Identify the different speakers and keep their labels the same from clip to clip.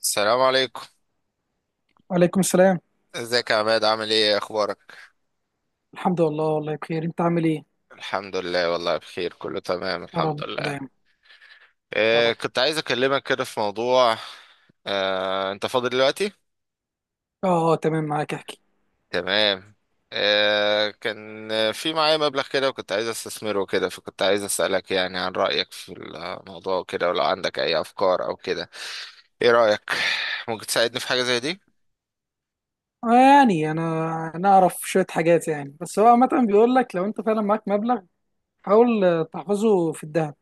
Speaker 1: السلام عليكم.
Speaker 2: وعليكم السلام.
Speaker 1: ازيك يا عماد؟ عامل ايه؟ اخبارك؟
Speaker 2: الحمد لله والله بخير، انت عامل ايه؟
Speaker 1: الحمد لله، والله بخير، كله تمام
Speaker 2: يا
Speaker 1: الحمد
Speaker 2: رب
Speaker 1: لله.
Speaker 2: دايما. يا
Speaker 1: إيه،
Speaker 2: رب.
Speaker 1: كنت عايز اكلمك كده في موضوع. انت فاضي دلوقتي؟
Speaker 2: اه اه تمام، معاك احكي.
Speaker 1: تمام. كان في معايا مبلغ كده، وكنت عايز استثمره كده، فكنت عايز اسالك يعني عن رايك في الموضوع وكده، ولو عندك اي افكار او كده. ايه رايك؟ ممكن تساعدني في حاجه زي دي؟
Speaker 2: آه، يعني انا اعرف شويه حاجات يعني، بس هو عامه بيقول لك لو انت فعلا معاك مبلغ، حاول تحفظه في الذهب.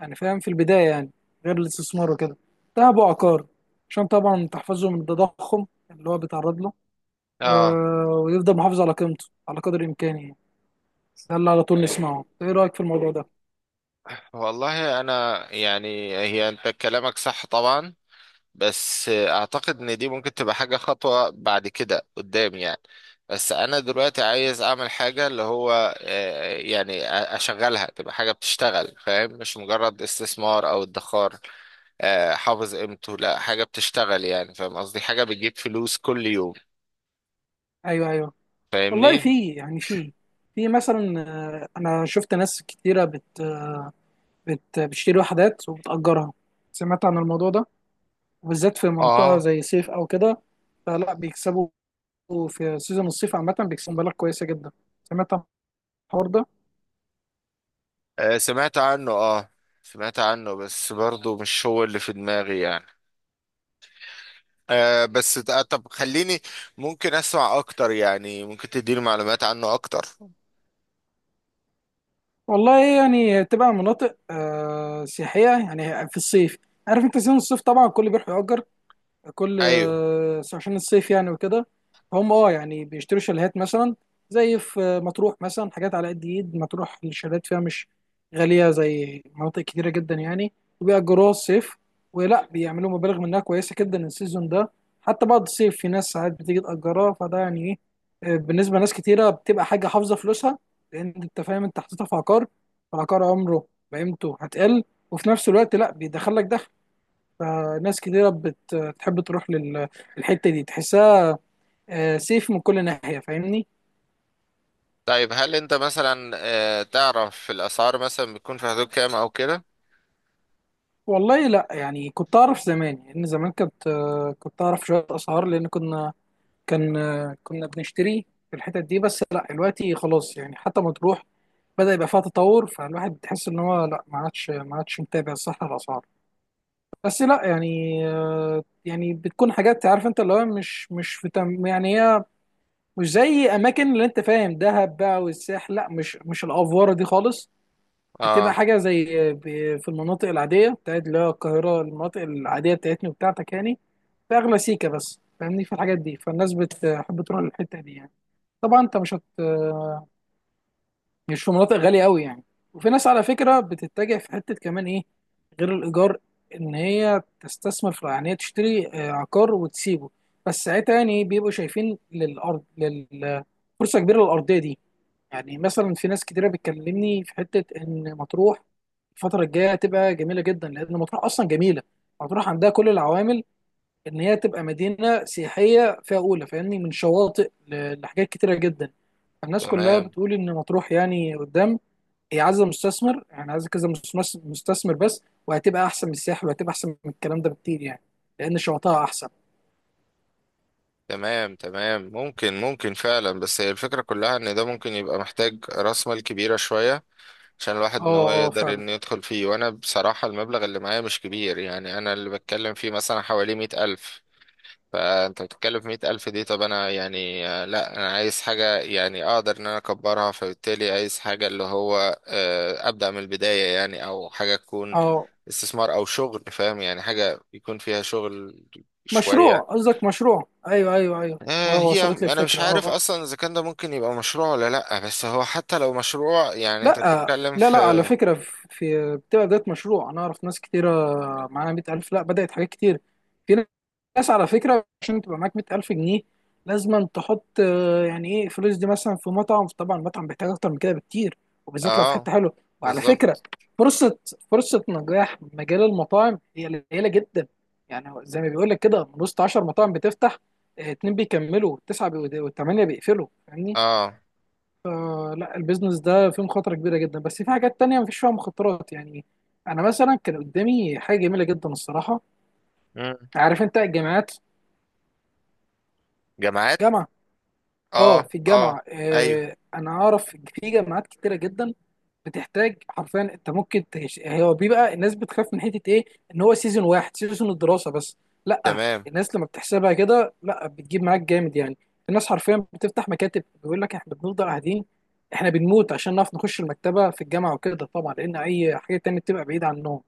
Speaker 2: يعني فاهم، في البدايه يعني غير الاستثمار وكده، ذهب وعقار، عشان طبعا تحفظه من التضخم اللي هو بيتعرض له.
Speaker 1: اه.
Speaker 2: آه، ويفضل محافظ على قيمته على قدر الامكان يعني. ده اللي على طول نسمعه، ايه رايك في الموضوع ده؟
Speaker 1: والله انا يعني، هي انت كلامك صح طبعا، بس اعتقد ان دي ممكن تبقى حاجة خطوة بعد كده قدام يعني. بس انا دلوقتي عايز اعمل حاجة اللي هو يعني اشغلها، تبقى حاجة بتشتغل، فاهم؟ مش مجرد استثمار او ادخار. حافظ قيمته، لا، حاجة بتشتغل يعني، فاهم قصدي؟ حاجة بتجيب فلوس كل يوم،
Speaker 2: ايوه ايوه. والله
Speaker 1: فاهمني؟
Speaker 2: في يعني، في مثلا، انا شفت ناس كتيره بت بت بتشتري وحدات وبتأجرها. سمعت عن الموضوع ده، وبالذات في منطقه
Speaker 1: اه.
Speaker 2: زي صيف او كده. فلا بيكسبوا، في سيزون الصيف عامه بيكسبوا مبالغ كويسه جدا. سمعت عن الحوار ده.
Speaker 1: سمعت عنه، اه. سمعت عنه، بس برضو مش هو اللي في دماغي يعني. بس طب خليني، ممكن اسمع اكتر يعني؟ ممكن تديني معلومات عنه اكتر؟
Speaker 2: والله يعني تبقى مناطق سياحيه يعني في الصيف. عارف انت سيزون الصيف، طبعا الكل بيروح يأجر كل
Speaker 1: ايوه.
Speaker 2: عشان الصيف يعني وكده. هم اه يعني بيشتروا شاليهات مثلا، زي في مطروح مثلا. حاجات على قد ايد، مطروح الشاليهات فيها مش غالية زي مناطق كتيرة جدا يعني، وبيأجروها الصيف، ولا بيعملوا مبالغ منها كويسة جدا السيزون ده. حتى بعد الصيف في ناس ساعات بتيجي تأجرها، فده يعني ايه، بالنسبة لناس كتيرة بتبقى حاجة حافظة فلوسها، لأن أنت فاهم أنت حطيتها في عقار، فالعقار عمره بقيمته هتقل، وفي نفس الوقت لا بيدخلك دخل. فناس كتيرة بتحب تروح للحتة دي، تحسها سيف من كل ناحية، فاهمني.
Speaker 1: طيب هل انت مثلا تعرف الاسعار مثلا بتكون في حدود كام او كده؟
Speaker 2: والله لا يعني، كنت أعرف زمان، لأن زمان كنت كنت أعرف شوية أسعار، لأن كنا كان كنا بنشتري في الحتت دي، بس لا دلوقتي خلاص يعني. حتى ما تروح بدأ يبقى فيها تطور، فالواحد بتحس إن هو لا، ما عادش ما عادش متابع صح الأسعار. بس لا يعني، يعني بتكون حاجات عارف أنت، اللي هو مش في تم يعني. هي مش زي اماكن اللي انت فاهم، دهب بقى والساحل، لا مش الافواره دي خالص. بتبقى
Speaker 1: اه.
Speaker 2: حاجه زي، في المناطق العاديه بتاعت، اللي هي القاهره، المناطق العاديه بتاعتنا وبتاعتك يعني، باغلى سيكه، بس فاهمني في الحاجات دي. فالناس بتحب تروح للحته دي يعني. طبعا انت مش في مناطق غاليه قوي يعني. وفي ناس على فكره بتتجه في حته كمان ايه، غير الايجار، ان هي تستثمر في، يعني هي تشتري عقار وتسيبه، بس ساعتها يعني إيه، بيبقوا شايفين للارض، فرصه كبيره للارضيه دي. يعني مثلا في ناس كتيرة بتكلمني في حتة إن مطروح الفترة الجاية هتبقى جميلة جدا، لأن مطروح أصلا جميلة. مطروح عندها كل العوامل إن هي تبقى مدينة سياحية فيها أولى، فاهمني، من شواطئ لحاجات كتيرة جدا. الناس كلها
Speaker 1: تمام
Speaker 2: بتقول إن مطروح يعني قدام هي عايزة مستثمر، يعني عايزة كذا مستثمر، مستثمر بس، وهتبقى أحسن من الساحل وهتبقى أحسن من الكلام ده بكتير يعني، لأن شواطئها أحسن.
Speaker 1: تمام. تمام ممكن ممكن فعلا، بس هي الفكرة كلها ان ده ممكن يبقى محتاج راس مال كبيرة شوية، عشان
Speaker 2: أه
Speaker 1: الواحد ان هو
Speaker 2: أه
Speaker 1: يقدر
Speaker 2: فعلا.
Speaker 1: ان يدخل فيه. وانا بصراحة المبلغ اللي معايا مش كبير يعني، انا اللي بتكلم فيه مثلا حوالي 100,000. فانت بتتكلم في 100,000 دي، طب انا يعني لا انا عايز حاجة يعني اقدر ان انا اكبرها، فبالتالي عايز حاجة اللي هو ابدأ من البداية يعني، او حاجة تكون
Speaker 2: أه
Speaker 1: استثمار او شغل، فاهم يعني؟ حاجة يكون فيها شغل شوية.
Speaker 2: مشروع، قصدك مشروع، أيوه أيوه أيوه،
Speaker 1: هي
Speaker 2: وصلت لي
Speaker 1: انا مش
Speaker 2: الفكرة أه
Speaker 1: عارف
Speaker 2: آه.
Speaker 1: اصلا اذا كان ده ممكن يبقى مشروع ولا لا، بس هو حتى لو مشروع يعني انت
Speaker 2: لا
Speaker 1: بتتكلم
Speaker 2: لا
Speaker 1: في.
Speaker 2: لا على فكرة، بتبقى بداية مشروع. أنا أعرف ناس كتيرة معاها 100 ألف لا بدأت حاجات كتير. في ناس على فكرة، عشان تبقى معاك 100 ألف جنيه لازم تحط يعني إيه فلوس دي مثلا في مطعم. طبعا المطعم بيحتاج أكتر من كده بكتير، وبالذات لو في
Speaker 1: اه
Speaker 2: حتة حلوة. وعلى فكرة،
Speaker 1: بالظبط.
Speaker 2: فرصة فرصة نجاح مجال المطاعم هي قليلة جدا. يعني هو زي ما بيقول لك كده، من وسط 10 مطاعم بتفتح، اتنين بيكملوا، تسعة وثمانية بيقفلوا، فاهمني.
Speaker 1: اه.
Speaker 2: لا البيزنس ده فيه مخاطرة كبيرة جدا، بس في حاجات تانية مفيش فيها مخاطرات يعني. أنا مثلا كان قدامي حاجة جميلة جدا الصراحة،
Speaker 1: مم.
Speaker 2: عارف أنت الجامعات.
Speaker 1: جامعات.
Speaker 2: جامعة. أه
Speaker 1: اه
Speaker 2: في
Speaker 1: اه.
Speaker 2: الجامعة،
Speaker 1: ايوه.
Speaker 2: أنا أعرف في جامعات كتيرة جدا بتحتاج حرفيا، انت ممكن تش... هو بيبقى الناس بتخاف من حته ايه، ان هو سيزون واحد، سيزون الدراسه بس. لا
Speaker 1: تمام.
Speaker 2: الناس لما بتحسبها كده لا، بتجيب معاك جامد يعني. الناس حرفيا بتفتح مكاتب بيقول لك احنا بنفضل قاعدين، احنا بنموت عشان نعرف نخش المكتبه في الجامعه وكده، طبعا لان اي حاجه تانية بتبقى بعيده عنهم.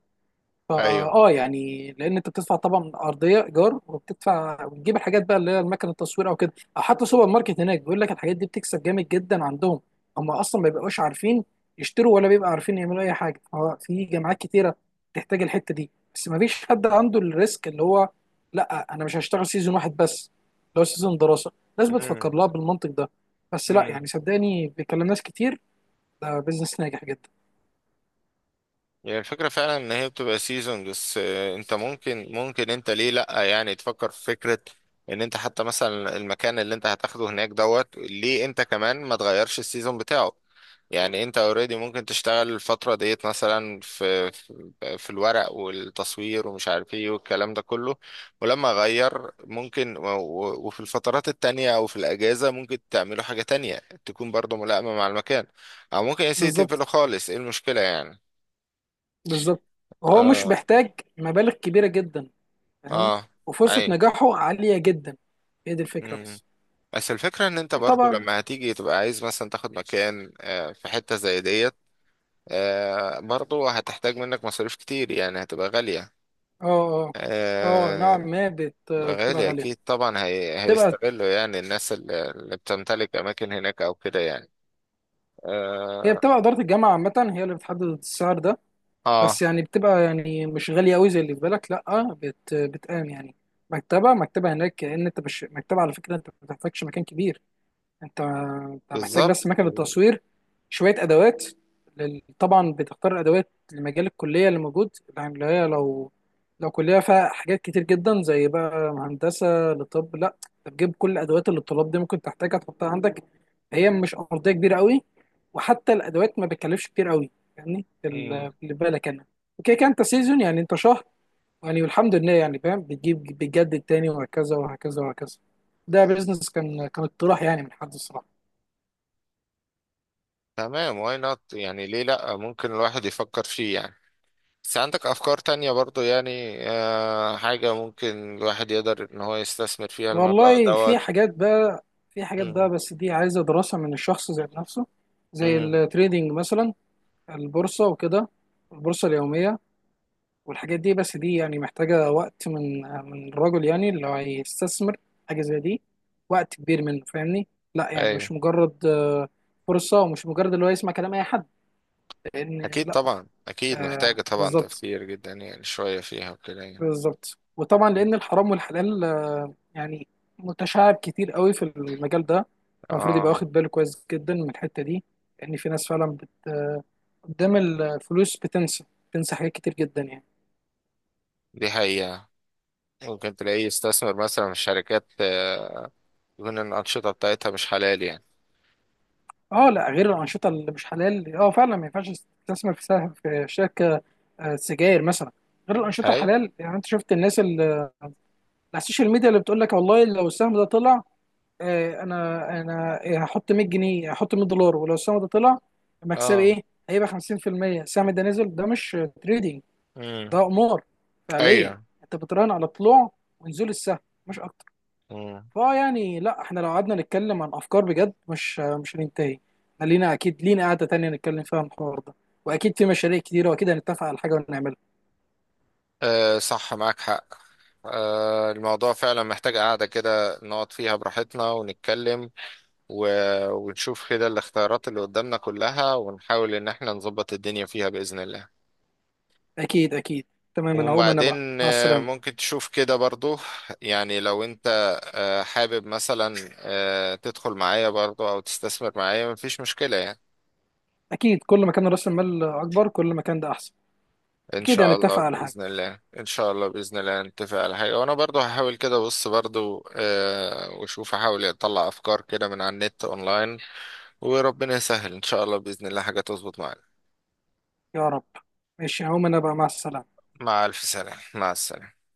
Speaker 2: فا
Speaker 1: ايوه.
Speaker 2: اه يعني، لان انت بتدفع طبعا ارضيه ايجار، وبتدفع وتجيب الحاجات بقى اللي هي المكنه التصوير او كده، او حتى سوبر ماركت هناك، بيقول لك الحاجات دي بتكسب جامد جدا عندهم. هم اصلا ما بيبقوش عارفين يشتروا، ولا بيبقى عارفين يعملوا اي حاجه. هو في جامعات كتيره تحتاج الحته دي، بس ما فيش حد عنده الريسك اللي هو، لا انا مش هشتغل سيزون واحد بس اللي هو سيزون دراسه. الناس بتفكر
Speaker 1: مم.
Speaker 2: لها بالمنطق ده. بس لا
Speaker 1: مم.
Speaker 2: يعني، صدقني بيكلم ناس كتير، ده بيزنس ناجح جدا.
Speaker 1: هي الفكرة فعلا ان هي بتبقى سيزون بس. انت ممكن ممكن، انت ليه لأ يعني تفكر في فكرة ان انت حتى مثلا المكان اللي انت هتاخده هناك دوت، ليه انت كمان ما تغيرش السيزون بتاعه؟ يعني انت اوريدي ممكن تشتغل الفترة ديت مثلا في الورق والتصوير ومش عارف ايه والكلام ده كله. ولما اغير ممكن وفي الفترات التانية او في الاجازة ممكن تعملوا حاجة تانية تكون برضو ملائمة مع المكان، او ممكن يا سيدي
Speaker 2: بالظبط
Speaker 1: تقفله خالص، ايه المشكلة يعني؟
Speaker 2: بالظبط. هو مش
Speaker 1: اه.
Speaker 2: محتاج مبالغ كبيرة جدا، فاهمني،
Speaker 1: اه.
Speaker 2: وفرصة
Speaker 1: ايوه.
Speaker 2: نجاحه عالية جدا. هي دي الفكرة
Speaker 1: مم.
Speaker 2: بس.
Speaker 1: بس الفكرة ان انت برضو
Speaker 2: طبعا.
Speaker 1: لما هتيجي تبقى عايز مثلا تاخد مكان في حتة زي ديت، برضو هتحتاج منك مصاريف كتير يعني، هتبقى غالية.
Speaker 2: اه اه. اه
Speaker 1: آه.
Speaker 2: نوعا ما بت...
Speaker 1: هتبقى
Speaker 2: بتبقى
Speaker 1: غالية اكيد
Speaker 2: غالية.
Speaker 1: طبعا.
Speaker 2: بتبقى،
Speaker 1: هيستغلوا يعني الناس اللي بتمتلك اماكن هناك او كده يعني.
Speaker 2: هي
Speaker 1: اه.
Speaker 2: بتبقى إدارة الجامعة عامة هي اللي بتحدد السعر ده.
Speaker 1: آه.
Speaker 2: بس يعني بتبقى يعني مش غالية أوي زي اللي في بالك، لأ بت... بتقام يعني مكتبة. هناك كأن أنت مش مكتبة، على فكرة أنت ما بتحتاجش مكان كبير. انت محتاج
Speaker 1: بالظبط.
Speaker 2: بس مكنه تصوير، شويه ادوات لل... طبعا بتختار الادوات لمجال الكليه اللي موجود، يعني اللي هي لو، كليه فيها حاجات كتير جدا زي بقى هندسه لطب، لا انت بتجيب كل الادوات اللي الطلاب دي ممكن تحتاجها تحطها عندك. هي مش ارضيه كبيره قوي، وحتى الادوات ما بتكلفش كتير قوي يعني.
Speaker 1: مم.
Speaker 2: اللي بالك انا اوكي كان، انت سيزون يعني انت شهر يعني، والحمد لله يعني فاهم، بتجيب بتجدد تاني وهكذا وهكذا وهكذا. ده بيزنس، كان اقتراح يعني من حد الصراحه.
Speaker 1: تمام. واي نوت يعني، ليه لا؟ ممكن الواحد يفكر فيه يعني، بس عندك أفكار تانية برضو يعني، آه، حاجة ممكن الواحد يقدر إن هو يستثمر فيها المبلغ
Speaker 2: والله في
Speaker 1: دوت.
Speaker 2: حاجات بقى، في حاجات
Speaker 1: مم.
Speaker 2: بقى بس دي عايزة دراسة من الشخص ذات نفسه، زي
Speaker 1: مم.
Speaker 2: التريدينج مثلا، البورصة وكده، البورصة اليومية والحاجات دي، بس دي يعني محتاجة وقت من الرجل يعني اللي هيستثمر حاجة زي دي، وقت كبير منه فاهمني. لا يعني مش
Speaker 1: أيوة.
Speaker 2: مجرد فرصة، ومش مجرد اللي هو يسمع كلام أي حد، لأن
Speaker 1: أكيد
Speaker 2: لا.
Speaker 1: طبعا، أكيد محتاجة طبعا
Speaker 2: بالظبط
Speaker 1: تفكير جدا يعني، شوية فيها وكده يعني.
Speaker 2: بالظبط. وطبعا لان الحرام والحلال يعني متشعب كتير قوي في المجال ده، المفروض يبقى
Speaker 1: آه.
Speaker 2: واخد باله كويس جدا من الحته دي، لان في ناس فعلا بت... قدام الفلوس بتنسى، بتنسى حاجات كتير جدا يعني.
Speaker 1: دي حقيقة. ممكن تلاقيه يستثمر مثلا في شركات يكون الأنشطة بتاعتها مش حلال يعني.
Speaker 2: اه لا، غير الانشطه اللي مش حلال اه فعلا ما ينفعش تستثمر في سهم في شركه سجاير مثلا، غير الانشطه
Speaker 1: هاي.
Speaker 2: الحلال يعني. انت شفت الناس اللي على السوشيال ميديا اللي بتقول لك والله لو السهم ده طلع، انا هحط 100 جنيه، هحط 100 دولار، ولو السهم ده طلع مكسبي
Speaker 1: آه.
Speaker 2: ايه، هيبقى 50%. السهم ده نزل، ده مش تريدينج،
Speaker 1: مم.
Speaker 2: ده قمار فعليا.
Speaker 1: أيوة.
Speaker 2: انت بتراهن على طلوع ونزول السهم مش اكتر.
Speaker 1: مم.
Speaker 2: فاه يعني لا، احنا لو قعدنا نتكلم عن افكار بجد مش هننتهي. احنا لينا، اكيد لينا قعده تانية نتكلم فيها عن الحوار ده، واكيد في مشاريع كتيره، واكيد هنتفق على حاجه ونعملها.
Speaker 1: آه صح، معاك حق. الموضوع فعلا محتاج قعدة كده نقعد فيها براحتنا ونتكلم، و- ونشوف كده الاختيارات اللي قدامنا كلها، ونحاول ان احنا نظبط الدنيا فيها بإذن الله.
Speaker 2: اكيد اكيد. تمام، انا هقوم انا بقى
Speaker 1: وبعدين
Speaker 2: مع السلامه.
Speaker 1: ممكن تشوف كده برضو، يعني لو انت حابب مثلا تدخل معايا برضو او تستثمر معايا، مفيش مشكلة يعني.
Speaker 2: اكيد كل ما كان راس المال اكبر كل ما كان ده احسن.
Speaker 1: ان
Speaker 2: اكيد
Speaker 1: شاء الله
Speaker 2: هنتفق على حاجه.
Speaker 1: باذن الله، ان شاء الله باذن الله نتفق على حاجه. وانا برضو هحاول كده، بص برضو واشوف، احاول اطلع افكار كده من على النت اونلاين. وربنا يسهل ان شاء الله باذن الله حاجه تظبط معانا.
Speaker 2: يا رب. ماشي هقوم انا بقى مع السلامة.
Speaker 1: مع الف سلامه، مع السلامه.